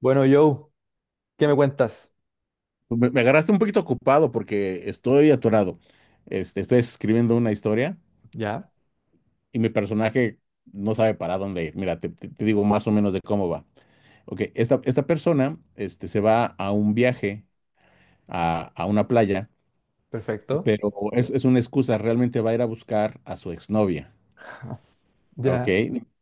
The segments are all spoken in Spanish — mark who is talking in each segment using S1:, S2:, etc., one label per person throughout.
S1: Bueno, Joe, ¿qué me cuentas?
S2: Pues, me agarraste un poquito ocupado porque estoy atorado. Estoy escribiendo una historia
S1: Ya,
S2: y mi personaje no sabe para dónde ir. Mira, te digo más o menos de cómo va. Ok, esta persona se va a un viaje a una playa,
S1: perfecto.
S2: pero es una excusa. Realmente va a ir a buscar a su exnovia.
S1: Ya,
S2: Ok,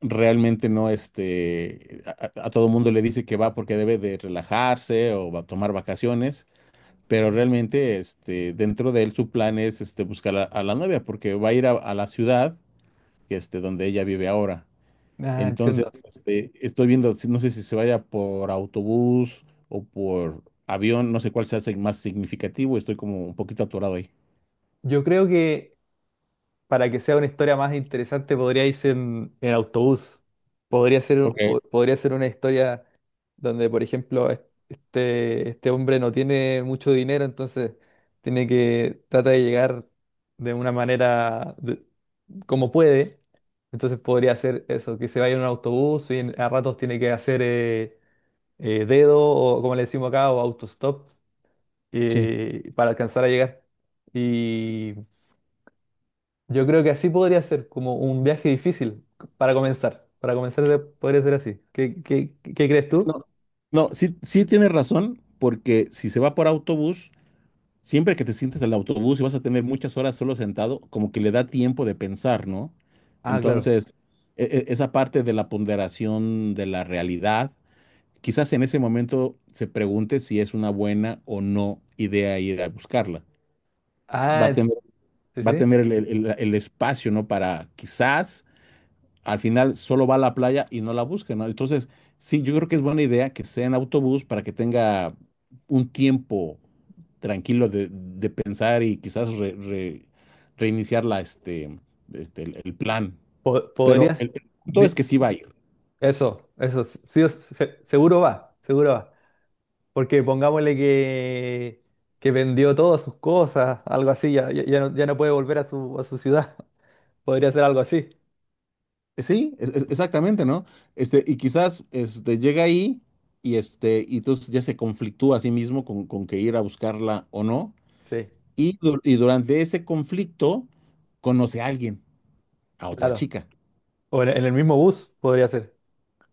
S2: realmente no, a todo mundo le dice que va porque debe de relajarse o va a tomar vacaciones. Pero realmente, dentro de él, su plan es, buscar a la novia, porque va a ir a la ciudad, donde ella vive ahora.
S1: ah,
S2: Entonces,
S1: entiendo.
S2: estoy viendo, no sé si se vaya por autobús o por avión, no sé cuál sea más significativo, estoy como un poquito atorado ahí.
S1: Yo creo que para que sea una historia más interesante podría irse en autobús. Podría ser,
S2: Ok.
S1: podría ser una historia donde, por ejemplo, este hombre no tiene mucho dinero, entonces tiene que trata de llegar de una manera de- como puede. Entonces podría ser eso, que se vaya en un autobús y a ratos tiene que hacer dedo o como le decimos acá, o autostop,
S2: Sí.
S1: para alcanzar a llegar. Y yo creo que así podría ser, como un viaje difícil para comenzar. Para comenzar podría ser así. Qué crees tú?
S2: No, no, sí, sí tienes razón, porque si se va por autobús, siempre que te sientes en el autobús y vas a tener muchas horas solo sentado, como que le da tiempo de pensar, ¿no?
S1: Ah, claro.
S2: Entonces, esa parte de la ponderación de la realidad, quizás en ese momento se pregunte si es una buena o no idea ir a buscarla. Va a
S1: Ah,
S2: tener,
S1: sí,
S2: va a
S1: sí.
S2: tener el espacio, ¿no? Para quizás al final solo va a la playa y no la busca, ¿no? Entonces, sí, yo creo que es buena idea que sea en autobús para que tenga un tiempo tranquilo de pensar y quizás reiniciar la, este, el plan.
S1: Po-
S2: Pero
S1: podrías...
S2: el punto es
S1: di-
S2: que sí va a ir.
S1: Eso, eso, sí, o seguro va, seguro va. Porque pongámosle que vendió todas sus cosas, algo así, ya no puede volver a a su ciudad. Podría ser algo así.
S2: Sí, exactamente, ¿no? Y quizás llega ahí y entonces ya se conflictúa a sí mismo con que ir a buscarla o no.
S1: Sí.
S2: Y durante ese conflicto conoce a alguien, a otra
S1: Claro.
S2: chica.
S1: O en el mismo bus podría ser.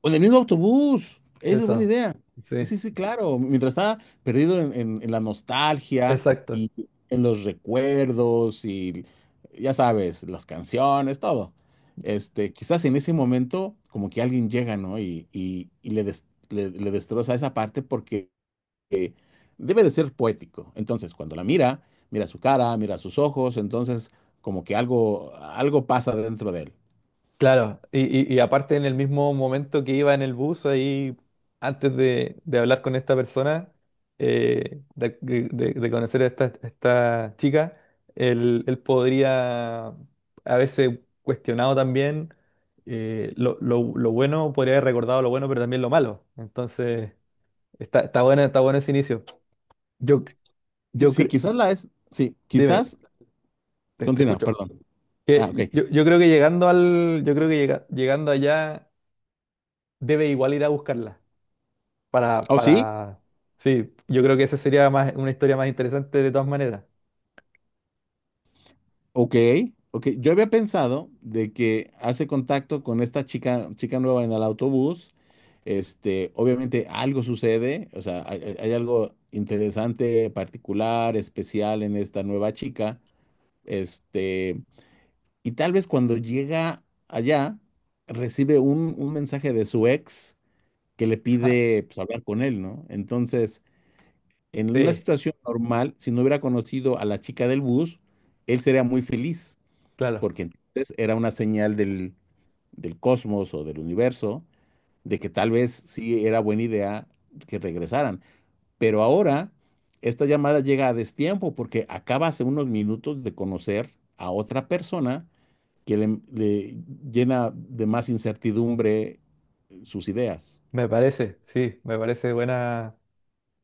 S2: O en el mismo autobús. Esa es buena
S1: Eso.
S2: idea. Sí,
S1: Sí,
S2: sí, sí, claro. Mientras está perdido en la nostalgia
S1: exacto.
S2: y en los recuerdos y ya sabes, las canciones, todo. Quizás en ese momento como que alguien llega, ¿no? Y le destroza esa parte porque eh, debe de ser poético. Entonces, cuando la mira, mira su cara, mira sus ojos, entonces como que algo pasa dentro de él.
S1: Claro. Y, y aparte en el mismo momento que iba en el bus, ahí, antes de hablar con esta persona, de conocer a esta chica, él podría, a veces cuestionado también, lo bueno, podría haber recordado lo bueno, pero también lo malo. Entonces, está bueno ese inicio. Yo,
S2: Sí,
S1: yo
S2: sí,
S1: cre-
S2: quizás sí,
S1: Dime,
S2: quizás,
S1: te
S2: continúa,
S1: escucho.
S2: perdón. Ah, ok.
S1: Que yo creo que llegando al, yo creo que llega- llegando allá debe igual ir a buscarla para,
S2: Oh, sí,
S1: para, sí, yo creo que esa sería más, una historia más interesante de todas maneras.
S2: ok, ok. Yo había pensado de que hace contacto con esta chica nueva en el autobús. Obviamente algo sucede, o sea, hay algo interesante, particular, especial en esta nueva chica. Este, y tal vez cuando llega allá, recibe un mensaje de su ex que le
S1: Ja,
S2: pide pues, hablar con él, ¿no? Entonces, en una
S1: sí,
S2: situación normal, si no hubiera conocido a la chica del bus, él sería muy feliz,
S1: claro,
S2: porque entonces era una señal del cosmos o del universo de que tal vez sí era buena idea que regresaran. Pero ahora, esta llamada llega a destiempo porque acaba hace unos minutos de conocer a otra persona que le llena de más incertidumbre sus ideas.
S1: me parece, sí, me parece buena,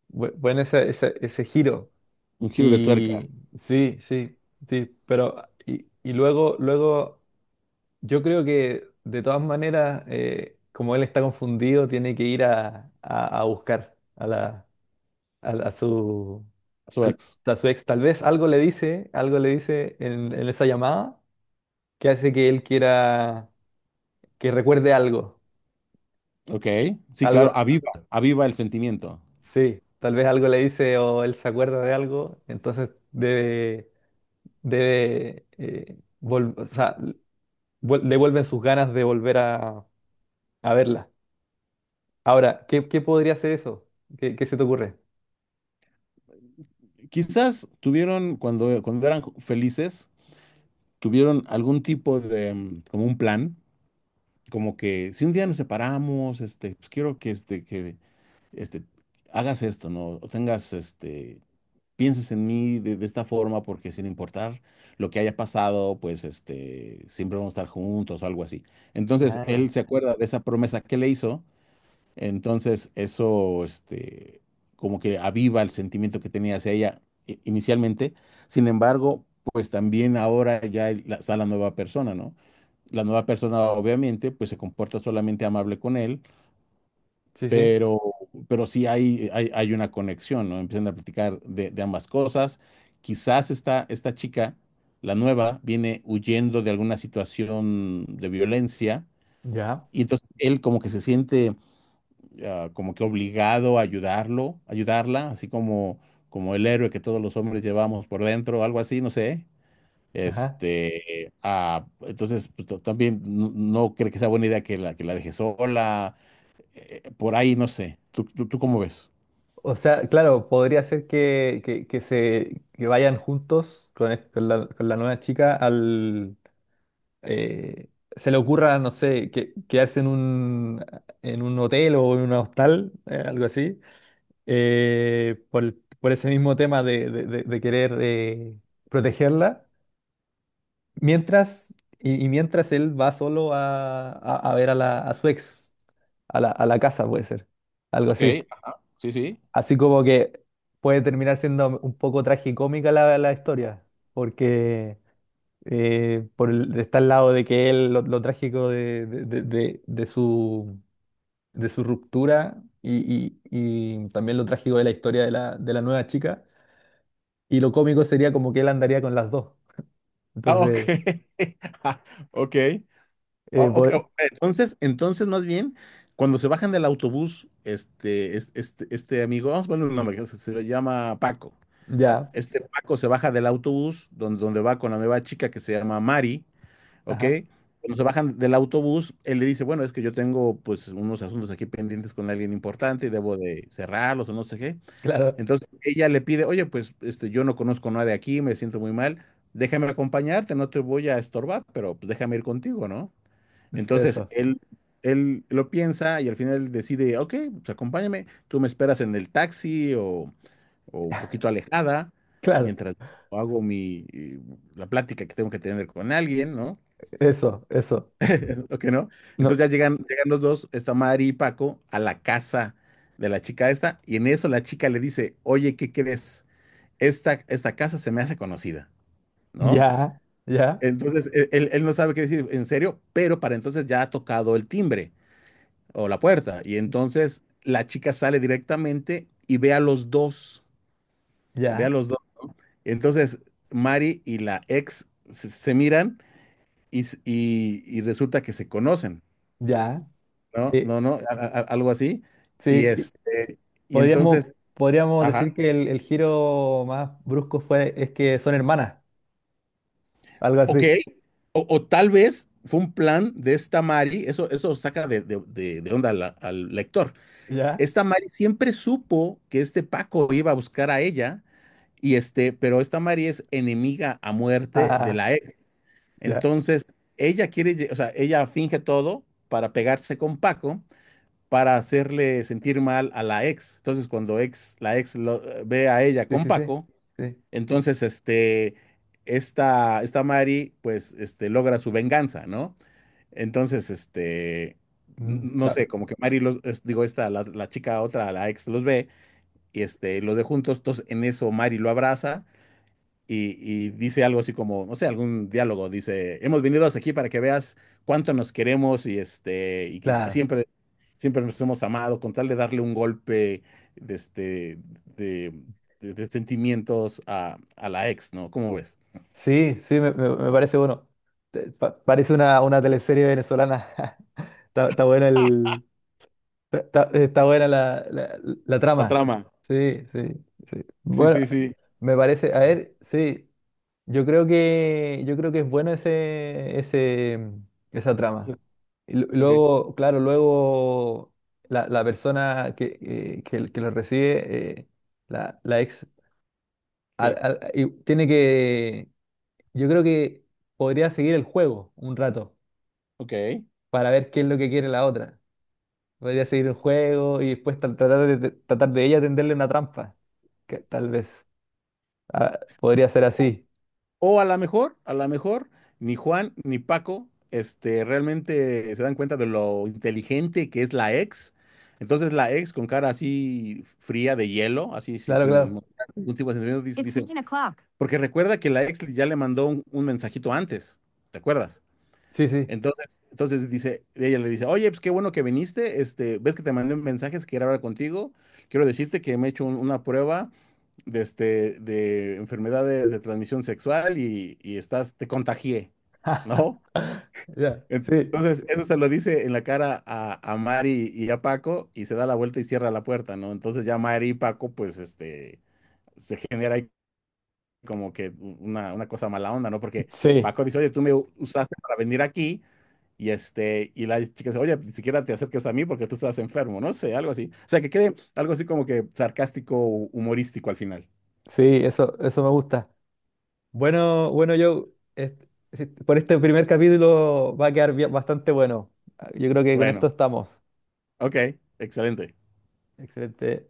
S1: buen ese giro
S2: Un giro de tuerca
S1: y sí, sí, sí, pero y, luego, yo creo que de todas maneras, como él está confundido, tiene que ir a buscar a a su
S2: a su
S1: tal-
S2: ex.
S1: a su ex. Tal vez algo le dice en esa llamada que hace que él quiera que recuerde algo,
S2: Ok, sí,
S1: algo,
S2: claro, aviva, aviva el sentimiento.
S1: sí, tal vez algo le dice o él se acuerda de algo, entonces o sea, le vuelven sus ganas de volver a verla. Ahora, qué podría ser eso? Qué se te ocurre?
S2: Quizás tuvieron, cuando eran felices, tuvieron algún tipo de, como un plan, como que si un día nos separamos, pues quiero que, este, hagas esto, ¿no? O pienses en mí de esta forma, porque sin importar lo que haya pasado, pues, siempre vamos a estar juntos o algo así. Entonces,
S1: Ah,
S2: él se acuerda de esa promesa que le hizo. Entonces, eso, como que aviva el sentimiento que tenía hacia ella inicialmente. Sin embargo, pues también ahora ya está la nueva persona, ¿no? La nueva persona obviamente pues se comporta solamente amable con él,
S1: sí, sí.
S2: pero, pero sí hay una conexión, ¿no? Empiezan a platicar de ambas cosas. Quizás esta chica, la nueva, viene huyendo de alguna situación de violencia
S1: Ya.
S2: y entonces él como que se siente como que obligado a ayudarlo, ayudarla, así como el héroe que todos los hombres llevamos por dentro, algo así, no sé.
S1: Ajá.
S2: Entonces pues, también no creo que sea buena idea que la, deje sola, por ahí, no sé. ¿Tú cómo ves?
S1: O sea, claro, podría ser que se que vayan juntos con, con la nueva chica al eh, se le ocurra, no sé, que, quedarse en un hotel o en un hostal, algo así, eh, por, el- por ese mismo tema de querer protegerla, mientras y mientras él va solo a ver a la a su ex, a la casa, puede ser, algo
S2: Ok,
S1: así.
S2: ajá, sí, sí.
S1: Así como que puede terminar siendo un poco tragicómica la historia, porque está al lado de que él, lo trágico de su ruptura y también lo trágico de la historia de de la nueva chica, y lo cómico sería como que él andaría con las dos.
S2: Ah, ok.
S1: Entonces,
S2: Ah, ok.
S1: eh,
S2: Ah, ok,
S1: po-
S2: ok. Entonces más bien, cuando se bajan del autobús, este amigo, vamos a ponerle un nombre, que se llama Paco.
S1: ya,
S2: Este Paco se baja del autobús donde va con la nueva chica que se llama Mari, ¿ok?
S1: ajá,
S2: Cuando se bajan del autobús, él le dice, bueno, es que yo tengo pues unos asuntos aquí pendientes con alguien importante y debo de cerrarlos o no sé qué.
S1: claro,
S2: Entonces ella le pide, oye, pues yo no conozco nada de aquí, me siento muy mal, déjame acompañarte, no te voy a estorbar, pero pues déjame ir contigo, ¿no? Entonces,
S1: eso,
S2: él lo piensa y al final decide, ok, pues acompáñame, tú me esperas en el taxi o un poquito alejada,
S1: claro,
S2: mientras yo hago la plática que tengo que tener con alguien, ¿no?
S1: eso,
S2: ¿O que no? Entonces
S1: no,
S2: ya llegan los dos, está Mari y Paco, a la casa de la chica esta, y en eso la chica le dice, oye, ¿qué crees? Esta casa se me hace conocida, ¿no?
S1: ya, ya,
S2: Entonces, él no sabe qué decir, en serio, pero para entonces ya ha tocado el timbre o la puerta. Y entonces la chica sale directamente y ve a los dos, ve a
S1: ya,
S2: los dos. Entonces Mari y la ex se miran y resulta que se conocen,
S1: ya,
S2: ¿no?
S1: eh,
S2: No, no, algo así. Y
S1: sí.
S2: este, y
S1: Podríamos,
S2: entonces,
S1: podríamos decir
S2: ajá,
S1: que el giro más brusco fue es que son hermanas, algo
S2: ok.
S1: así.
S2: O tal vez fue un plan de esta Mari, eso saca de onda al lector.
S1: ¿Ya?
S2: Esta Mari siempre supo que este Paco iba a buscar a ella. Y pero esta Mari es enemiga a muerte de
S1: Ah,
S2: la ex.
S1: ya.
S2: Entonces, ella quiere, o sea, ella finge todo para pegarse con Paco, para hacerle sentir mal a la ex. Entonces, cuando la ex ve a ella
S1: Sí,
S2: con
S1: sí, sí.
S2: Paco,
S1: Sí.
S2: entonces, esta Mari, pues, logra su venganza, ¿no? Entonces,
S1: Mm,
S2: no
S1: ta-
S2: sé, como que Mari los, digo, la chica otra, la ex los ve y los de juntos, entonces en eso Mari lo abraza y dice algo así como, no sé, algún diálogo, dice, hemos venido hasta aquí para que veas cuánto nos queremos y
S1: claro.
S2: siempre, siempre nos hemos amado, con tal de darle un golpe de, este, de, de sentimientos a la ex, ¿no? ¿Cómo ves?
S1: Sí, sí, me, me parece bueno. Parece una teleserie venezolana. Está, está buena el, está buena la
S2: La
S1: trama.
S2: trama.
S1: Sí, sí, sí.
S2: Sí,
S1: Bueno,
S2: sí, sí.
S1: me parece, a ver, sí. Yo creo que es bueno ese, mm, esa trama. Y
S2: Ok,
S1: luego, claro, luego la, la persona que, que lo recibe, la, la ex,
S2: sí.
S1: y tiene que, yo creo que podría seguir el juego un rato
S2: Ok.
S1: para ver qué es lo que quiere la otra. Podría seguir el juego y después tratar tratar de ella tenderle una trampa, que tal vez. Ah, podría ser así.
S2: O a lo mejor, ni Juan ni Paco, realmente se dan cuenta de lo inteligente que es la ex. Entonces la ex con cara así fría de hielo, así sí,
S1: Claro,
S2: sin
S1: claro.
S2: mostrar ningún tipo de sentimiento, dice, 9 o'clock. Porque recuerda que la ex ya le mandó un mensajito antes, ¿recuerdas?
S1: Sí, sí.
S2: Entonces ella le dice, oye, pues qué bueno que viniste, ves que te mandé mensajes, quiero hablar contigo, quiero decirte que me he hecho una prueba de enfermedades de transmisión sexual y te contagié, ¿no?
S1: Ya,
S2: En-
S1: sí.
S2: Entonces, eso se lo dice en la cara a Mari y a Paco y se da la vuelta y cierra la puerta, ¿no? Entonces ya Mari y Paco, pues, se genera ahí como que una cosa mala onda, ¿no? Porque
S1: Sí,
S2: Paco dice, oye, tú me usaste para venir aquí y la chica dice, oye, ni siquiera te acerques a mí porque tú estás enfermo, no sé, algo así. O sea, que quede algo así como que sarcástico, humorístico al final.
S1: sí, eso me gusta. Bueno, bueno, yo por este primer capítulo va a quedar bastante bueno. Ah, yo creo que con esto
S2: Bueno.
S1: estamos.
S2: Ok, excelente.
S1: Excelente.